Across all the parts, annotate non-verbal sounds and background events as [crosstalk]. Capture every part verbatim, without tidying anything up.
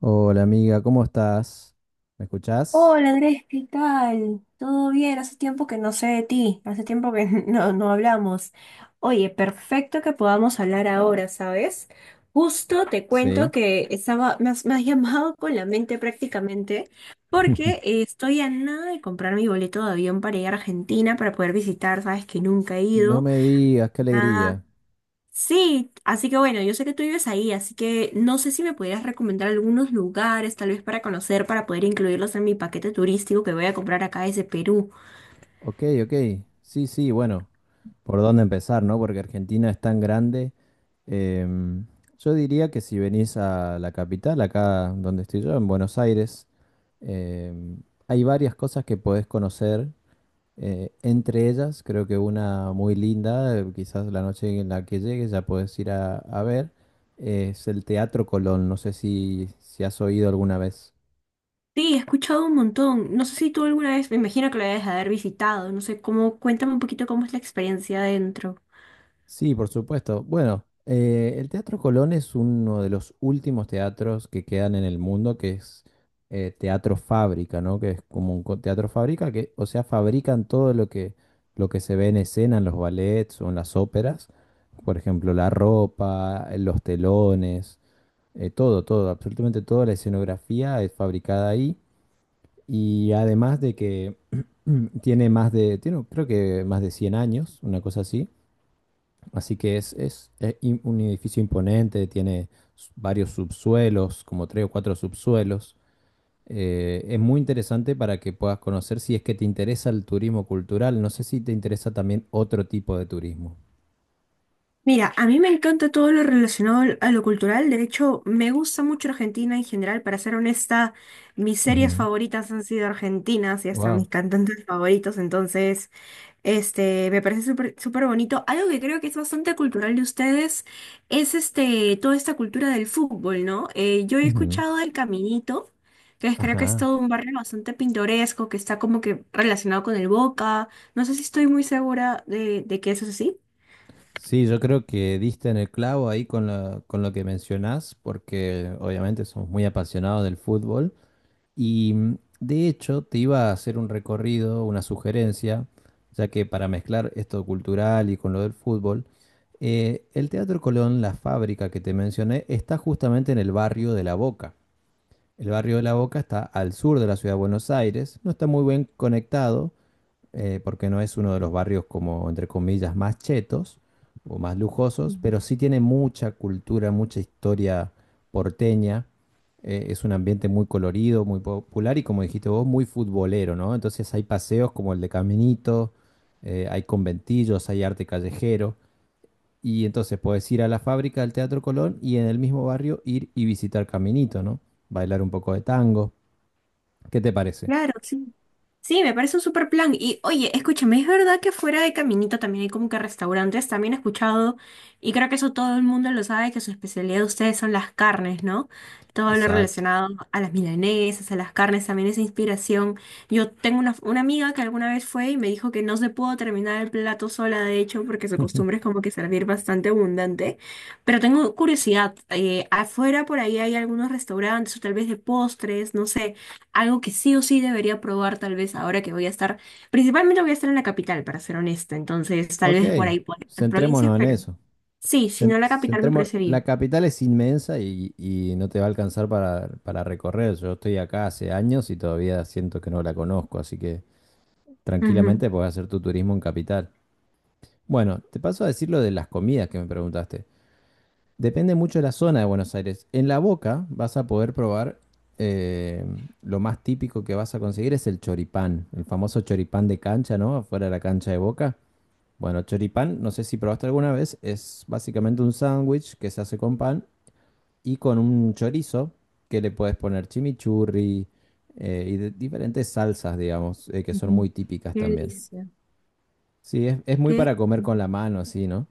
Hola amiga, ¿cómo estás? ¿Me escuchás? Hola Andrés, ¿qué tal? ¿Todo bien? Hace tiempo que no sé de ti, hace tiempo que [laughs] no, no hablamos. Oye, perfecto que podamos hablar ahora, ¿sabes? Justo te cuento Sí. que estaba, me has, me has [laughs] llamado con la mente prácticamente porque [laughs] eh, estoy a nada de comprar mi boleto de avión para ir a Argentina para poder visitar, ¿sabes? Que nunca he No ido. me digas, qué Nada. alegría. Sí, así que bueno, yo sé que tú vives ahí, así que no sé si me pudieras recomendar algunos lugares, tal vez para conocer, para poder incluirlos en mi paquete turístico que voy a comprar acá desde Perú. Ok, ok. Sí, sí, bueno, ¿por dónde empezar, no? Porque Argentina es tan grande. Em, yo diría que si venís a la capital, acá donde estoy yo, en Buenos Aires, em, hay varias cosas que podés conocer. Eh, entre ellas, creo que una muy linda, eh, quizás la noche en la que llegues ya puedes ir a, a ver, eh, es el Teatro Colón. No sé si, si has oído alguna vez. Sí, he escuchado un montón. No sé si tú alguna vez, me imagino que lo debes haber visitado, no sé cómo, cuéntame un poquito cómo es la experiencia adentro. Sí, por supuesto. Bueno, eh, el Teatro Colón es uno de los últimos teatros que quedan en el mundo, que es eh, teatro fábrica, ¿no? Que es como un co- teatro fábrica, que, o sea, fabrican todo lo que, lo que se ve en escena, en los ballets o en las óperas. Por ejemplo, la ropa, los telones. Eh, todo, todo, absolutamente toda la escenografía es fabricada ahí. Y además de que tiene más de, tiene, creo que más de cien años, una cosa así. Así que es, es, eh, im- un edificio imponente, tiene s- varios subsuelos, como tres o cuatro subsuelos. Eh, es muy interesante para que puedas conocer si es que te interesa el turismo cultural. No sé si te interesa también otro tipo de turismo. Mira, a mí me encanta todo lo relacionado al- a lo cultural. De hecho, me gusta mucho Argentina en general. Para ser honesta, mis series favoritas han sido argentinas y hasta Wow. mis cantantes favoritos. Entonces, este, me parece súper súper bonito. Algo que creo que es bastante cultural de ustedes es este, toda esta cultura del fútbol, ¿no? Eh, yo he escuchado del Caminito, que es- creo que es Ajá. todo un barrio bastante pintoresco, que está como que relacionado con el Boca. No sé si estoy muy segura de, de que eso es así. Sí, yo creo que diste en el clavo ahí con lo, con lo que mencionás, porque obviamente somos muy apasionados del fútbol. Y mm, de hecho, te iba a hacer un recorrido, una sugerencia, ya que para mezclar esto cultural y con lo del fútbol, eh, el Teatro Colón, la fábrica que te mencioné, está justamente en el barrio de La Boca. El barrio de La Boca está al sur de la ciudad de Buenos Aires, no está muy bien conectado, eh, porque no es uno de los barrios como, entre comillas, más chetos o más lujosos, pero sí tiene mucha cultura, mucha historia porteña. Eh, es un ambiente muy colorido, muy popular y como dijiste vos, muy futbolero, ¿no? Entonces hay paseos como el de Caminito, eh, hay conventillos, hay arte callejero. Y entonces puedes ir a la fábrica del Teatro Colón y en el mismo barrio ir y visitar Caminito, ¿no? Bailar un poco de tango. ¿Qué te parece? Claro, sí. Sí, me parece un super plan. Y oye, escúchame, es verdad que fuera de Caminito también hay como que restaurantes, también he escuchado, y creo que eso todo el mundo lo sabe, que su especialidad de ustedes son las carnes, ¿no? Todo lo Exacto. relacionado a las milanesas, a las carnes, también esa inspiración. Yo tengo una, una amiga que alguna vez fue y me dijo que no se pudo terminar el plato sola, de hecho, porque su costumbre es [laughs] como que servir bastante abundante. Pero tengo curiosidad, eh, afuera por ahí hay algunos restaurantes o tal vez de postres, no sé. Algo que sí o sí debería probar tal vez ahora que voy a estar, principalmente voy a estar en la capital, para ser honesta, entonces tal Ok, vez por ahí por otras provincias, centrémonos en pero eso. sí, si Cen- no la capital me centremos- parece la bien. capital es inmensa y, y no te va a alcanzar para, para recorrer. Yo estoy acá hace años y todavía siento que no la conozco, así que Ujú, tranquilamente podés hacer tu turismo en capital. Bueno, te paso a decir lo de las comidas que me preguntaste. Depende mucho de la zona de Buenos Aires. En La Boca vas a poder probar, eh, lo más típico que vas a conseguir es el choripán, el famoso choripán de cancha, ¿no? Afuera de la cancha de Boca. Bueno, choripán, no sé si probaste alguna vez, es básicamente un sándwich que se hace con pan y con un chorizo que le puedes poner chimichurri, eh, y de- diferentes salsas, digamos, eh, que son ujú. muy típicas Qué también. delicia. Sí, es, es muy Qué- para comer con la mano, así, ¿no?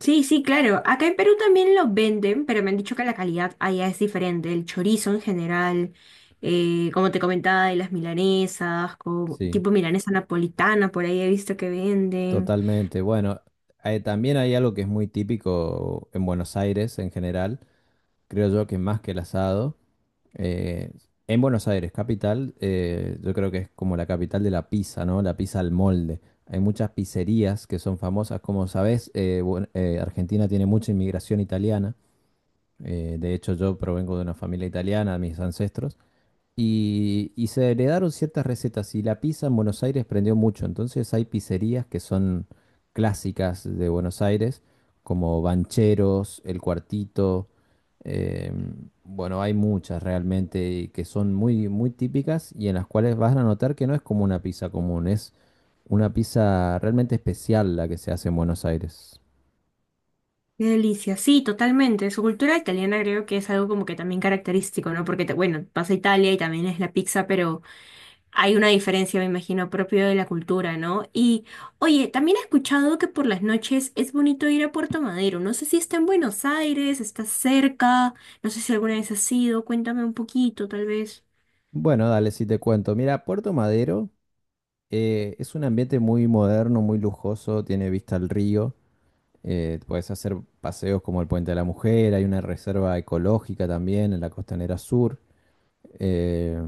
Sí, sí, claro. Acá en Perú también lo venden, pero me han dicho que la calidad allá es diferente. El chorizo en general, eh, como te comentaba, de las milanesas, con, Sí, tipo milanesa napolitana, por ahí he visto que venden. totalmente. Bueno, eh, también hay algo que es muy típico en Buenos Aires en general, creo yo que más que el asado. Eh, en Buenos Aires, capital, eh, yo creo que es como la capital de la pizza, ¿no? La pizza al molde. Hay muchas pizzerías que son famosas. Como sabés, eh, buen- eh, Argentina tiene mucha inmigración italiana. Eh, de hecho, yo provengo de una familia italiana, mis ancestros. Y, y se heredaron ciertas recetas y la pizza en Buenos Aires prendió mucho. Entonces hay pizzerías que son clásicas de Buenos Aires, como Bancheros, El Cuartito. eh, bueno, hay muchas realmente y que son muy, muy típicas y en las cuales vas a notar que no es como una pizza común, es una pizza realmente especial la que se hace en Buenos Aires. Qué delicia, sí, totalmente. Su cultura italiana creo que es algo como que también característico, ¿no? Porque, te- bueno, vas a Italia y también es la pizza, pero hay una diferencia, me imagino, propio de la cultura, ¿no? Y, oye, también he escuchado que por las noches es bonito ir a Puerto Madero. No sé si está en Buenos Aires, está cerca, no sé si alguna vez has ido, cuéntame un poquito, tal vez. Bueno, dale, si te cuento. Mira, Puerto Madero eh, es un ambiente muy moderno, muy lujoso, tiene vista al río. Eh, puedes hacer paseos como el Puente de la Mujer, hay una reserva ecológica también en la Costanera Sur. Eh,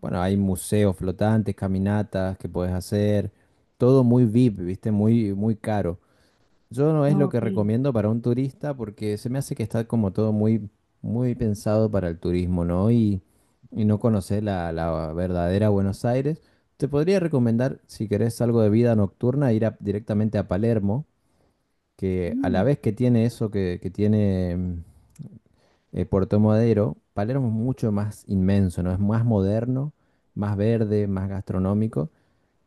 bueno, hay museos flotantes, caminatas que puedes hacer. Todo muy V I P, ¿viste? Muy, muy caro. Yo no es lo que Ok. recomiendo para un turista porque se me hace que está como todo muy, muy pensado para el turismo, ¿no? Y, y no conocer la, la verdadera Buenos Aires. Te podría recomendar, si querés algo de vida nocturna, ir a- directamente a Palermo que a la Mm, vez que tiene eso que, que tiene mm, eh, Puerto Madero, Palermo es mucho más inmenso, ¿no? Es más moderno, más verde, más gastronómico.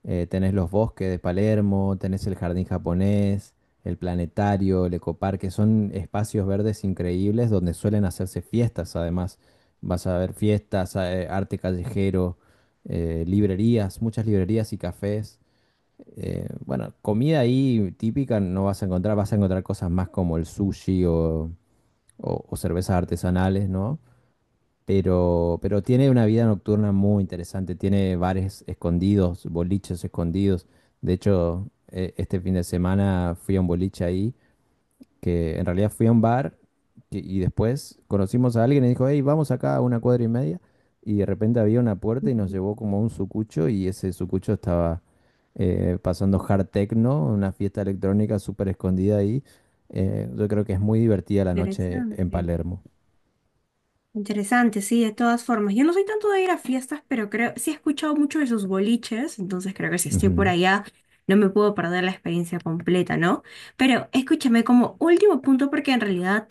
Eh, tenés los bosques de Palermo, tenés el jardín japonés, el planetario, el ecoparque, son espacios verdes increíbles donde suelen hacerse fiestas además. Vas a ver fiestas, eh, arte callejero, eh, librerías, muchas librerías y cafés. Eh, bueno, comida ahí típica no vas a encontrar, vas a encontrar cosas más como el sushi o, o- o cervezas artesanales, ¿no? Pero, pero tiene una vida nocturna muy interesante, tiene bares escondidos, boliches escondidos. De hecho, eh, este fin de semana fui a un boliche ahí que en realidad fui a un bar que- y después conocimos a alguien y dijo, hey, vamos acá a una cuadra y media. Y de repente había una puerta y nos llevó como a un sucucho y ese sucucho estaba eh, pasando hard techno, una fiesta electrónica súper escondida ahí. Eh, yo creo que es muy divertida la noche interesante. en Palermo. Interesante, sí, de todas formas. Yo no soy tanto de ir a fiestas, pero creo, sí he escuchado mucho de sus boliches, entonces creo que si estoy por Ujú. allá no me puedo perder la experiencia completa, ¿no? Pero escúchame como último punto, porque en realidad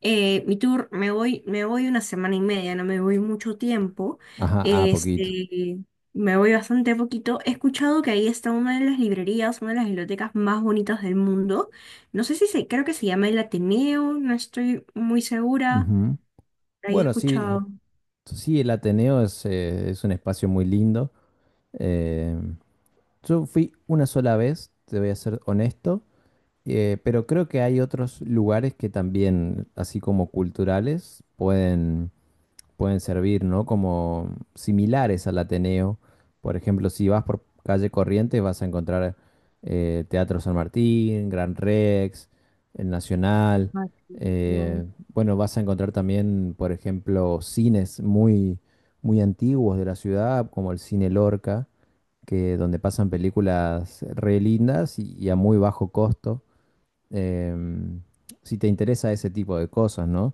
eh, mi tour me voy, me voy una semana y media, no me voy mucho tiempo, Ajá, a poquito. este, me voy bastante poquito. He escuchado que ahí está una de las librerías, una de las bibliotecas más bonitas del mundo. No sé si se, creo que se llama el Ateneo, no estoy muy segura. Ujú. Ahí he Bueno, sí, escuchado. sí, el Ateneo es, eh, es un espacio muy lindo. Eh, yo fui una sola vez, te voy a ser honesto. Eh, pero creo que hay otros lugares que también, así como culturales, pueden, pueden servir, ¿no? Como similares al Ateneo. Por ejemplo, si vas por calle Corrientes vas a encontrar eh, Teatro San Martín, Gran Rex, el Nacional. Ah, claro. eh, bueno, vas a encontrar también, por ejemplo, cines muy, muy antiguos de la ciudad, como el Cine Lorca, que donde pasan películas re lindas y y a muy bajo costo, em, si te interesa ese tipo de cosas, ¿no?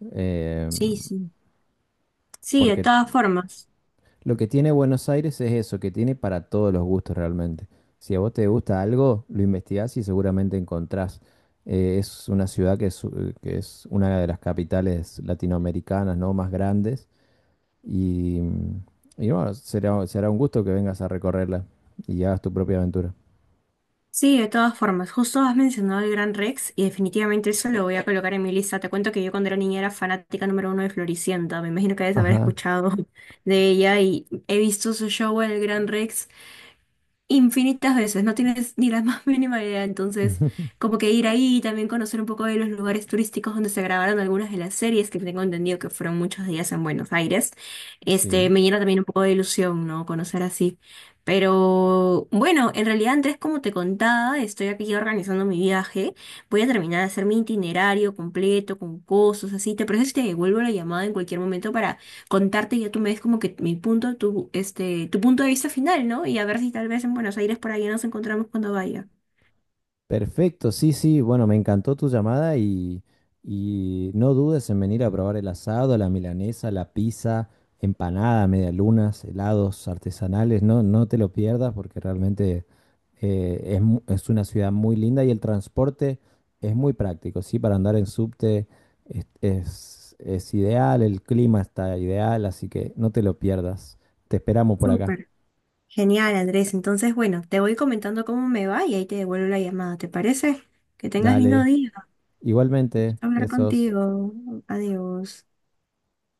Em, Sí, sí. Sí, de porque todas formas. lo que tiene Buenos Aires es eso, que tiene para todos los gustos realmente. Si a vos te gusta algo, lo investigás y seguramente encontrás. Eh, es una ciudad que es, eh, que es una de las capitales latinoamericanas, ¿no? Más grandes. Y, y bueno, será, será un gusto que vengas a recorrerla y hagas tu propia aventura. Sí, de todas formas. Justo has mencionado el Gran Rex y definitivamente eso lo voy a colocar en mi lista. Te cuento que yo cuando era niña era fanática número uno de Floricienta. Me imagino que debes haber Ajá. escuchado [laughs] de ella y he visto su show en el Gran Rex infinitas veces, no tienes ni la [laughs] más mínima idea, entonces [laughs] como que ir ahí y también conocer un poco de los lugares turísticos donde se grabaron algunas de las series que tengo entendido que fueron muchos días en Buenos Aires, este, Sí. me llena también un poco de ilusión, ¿no? Conocer así. Pero bueno, en realidad Andrés, como te contaba, estoy aquí organizando mi viaje, voy a terminar de hacer mi itinerario completo con cosas así, ¿te parece si te devuelvo la llamada en cualquier momento contarte y ya tú me des como que mi punto, tu, este, tu punto de vista final, ¿no? Y a ver si tal vez en Buenos Aires por ahí nos encontramos cuando vaya. Perfecto, sí, sí, bueno, me encantó tu llamada y, y no dudes en venir a probar el asado, la milanesa, la pizza, empanada, medialunas, helados artesanales, no, no te lo pierdas porque realmente eh, es, mu- es una ciudad muy linda y el transporte es muy práctico, sí, para andar en subte es, es es ideal, el clima está ideal, así que no te lo pierdas, te esperamos por acá, Súper. Genial, Andrés. Entonces, bueno, te voy comentando cómo me va y ahí te devuelvo la llamada, ¿te parece? Que tengas lindo dale, día. igualmente, Gusto Hablar besos. contigo. Adiós.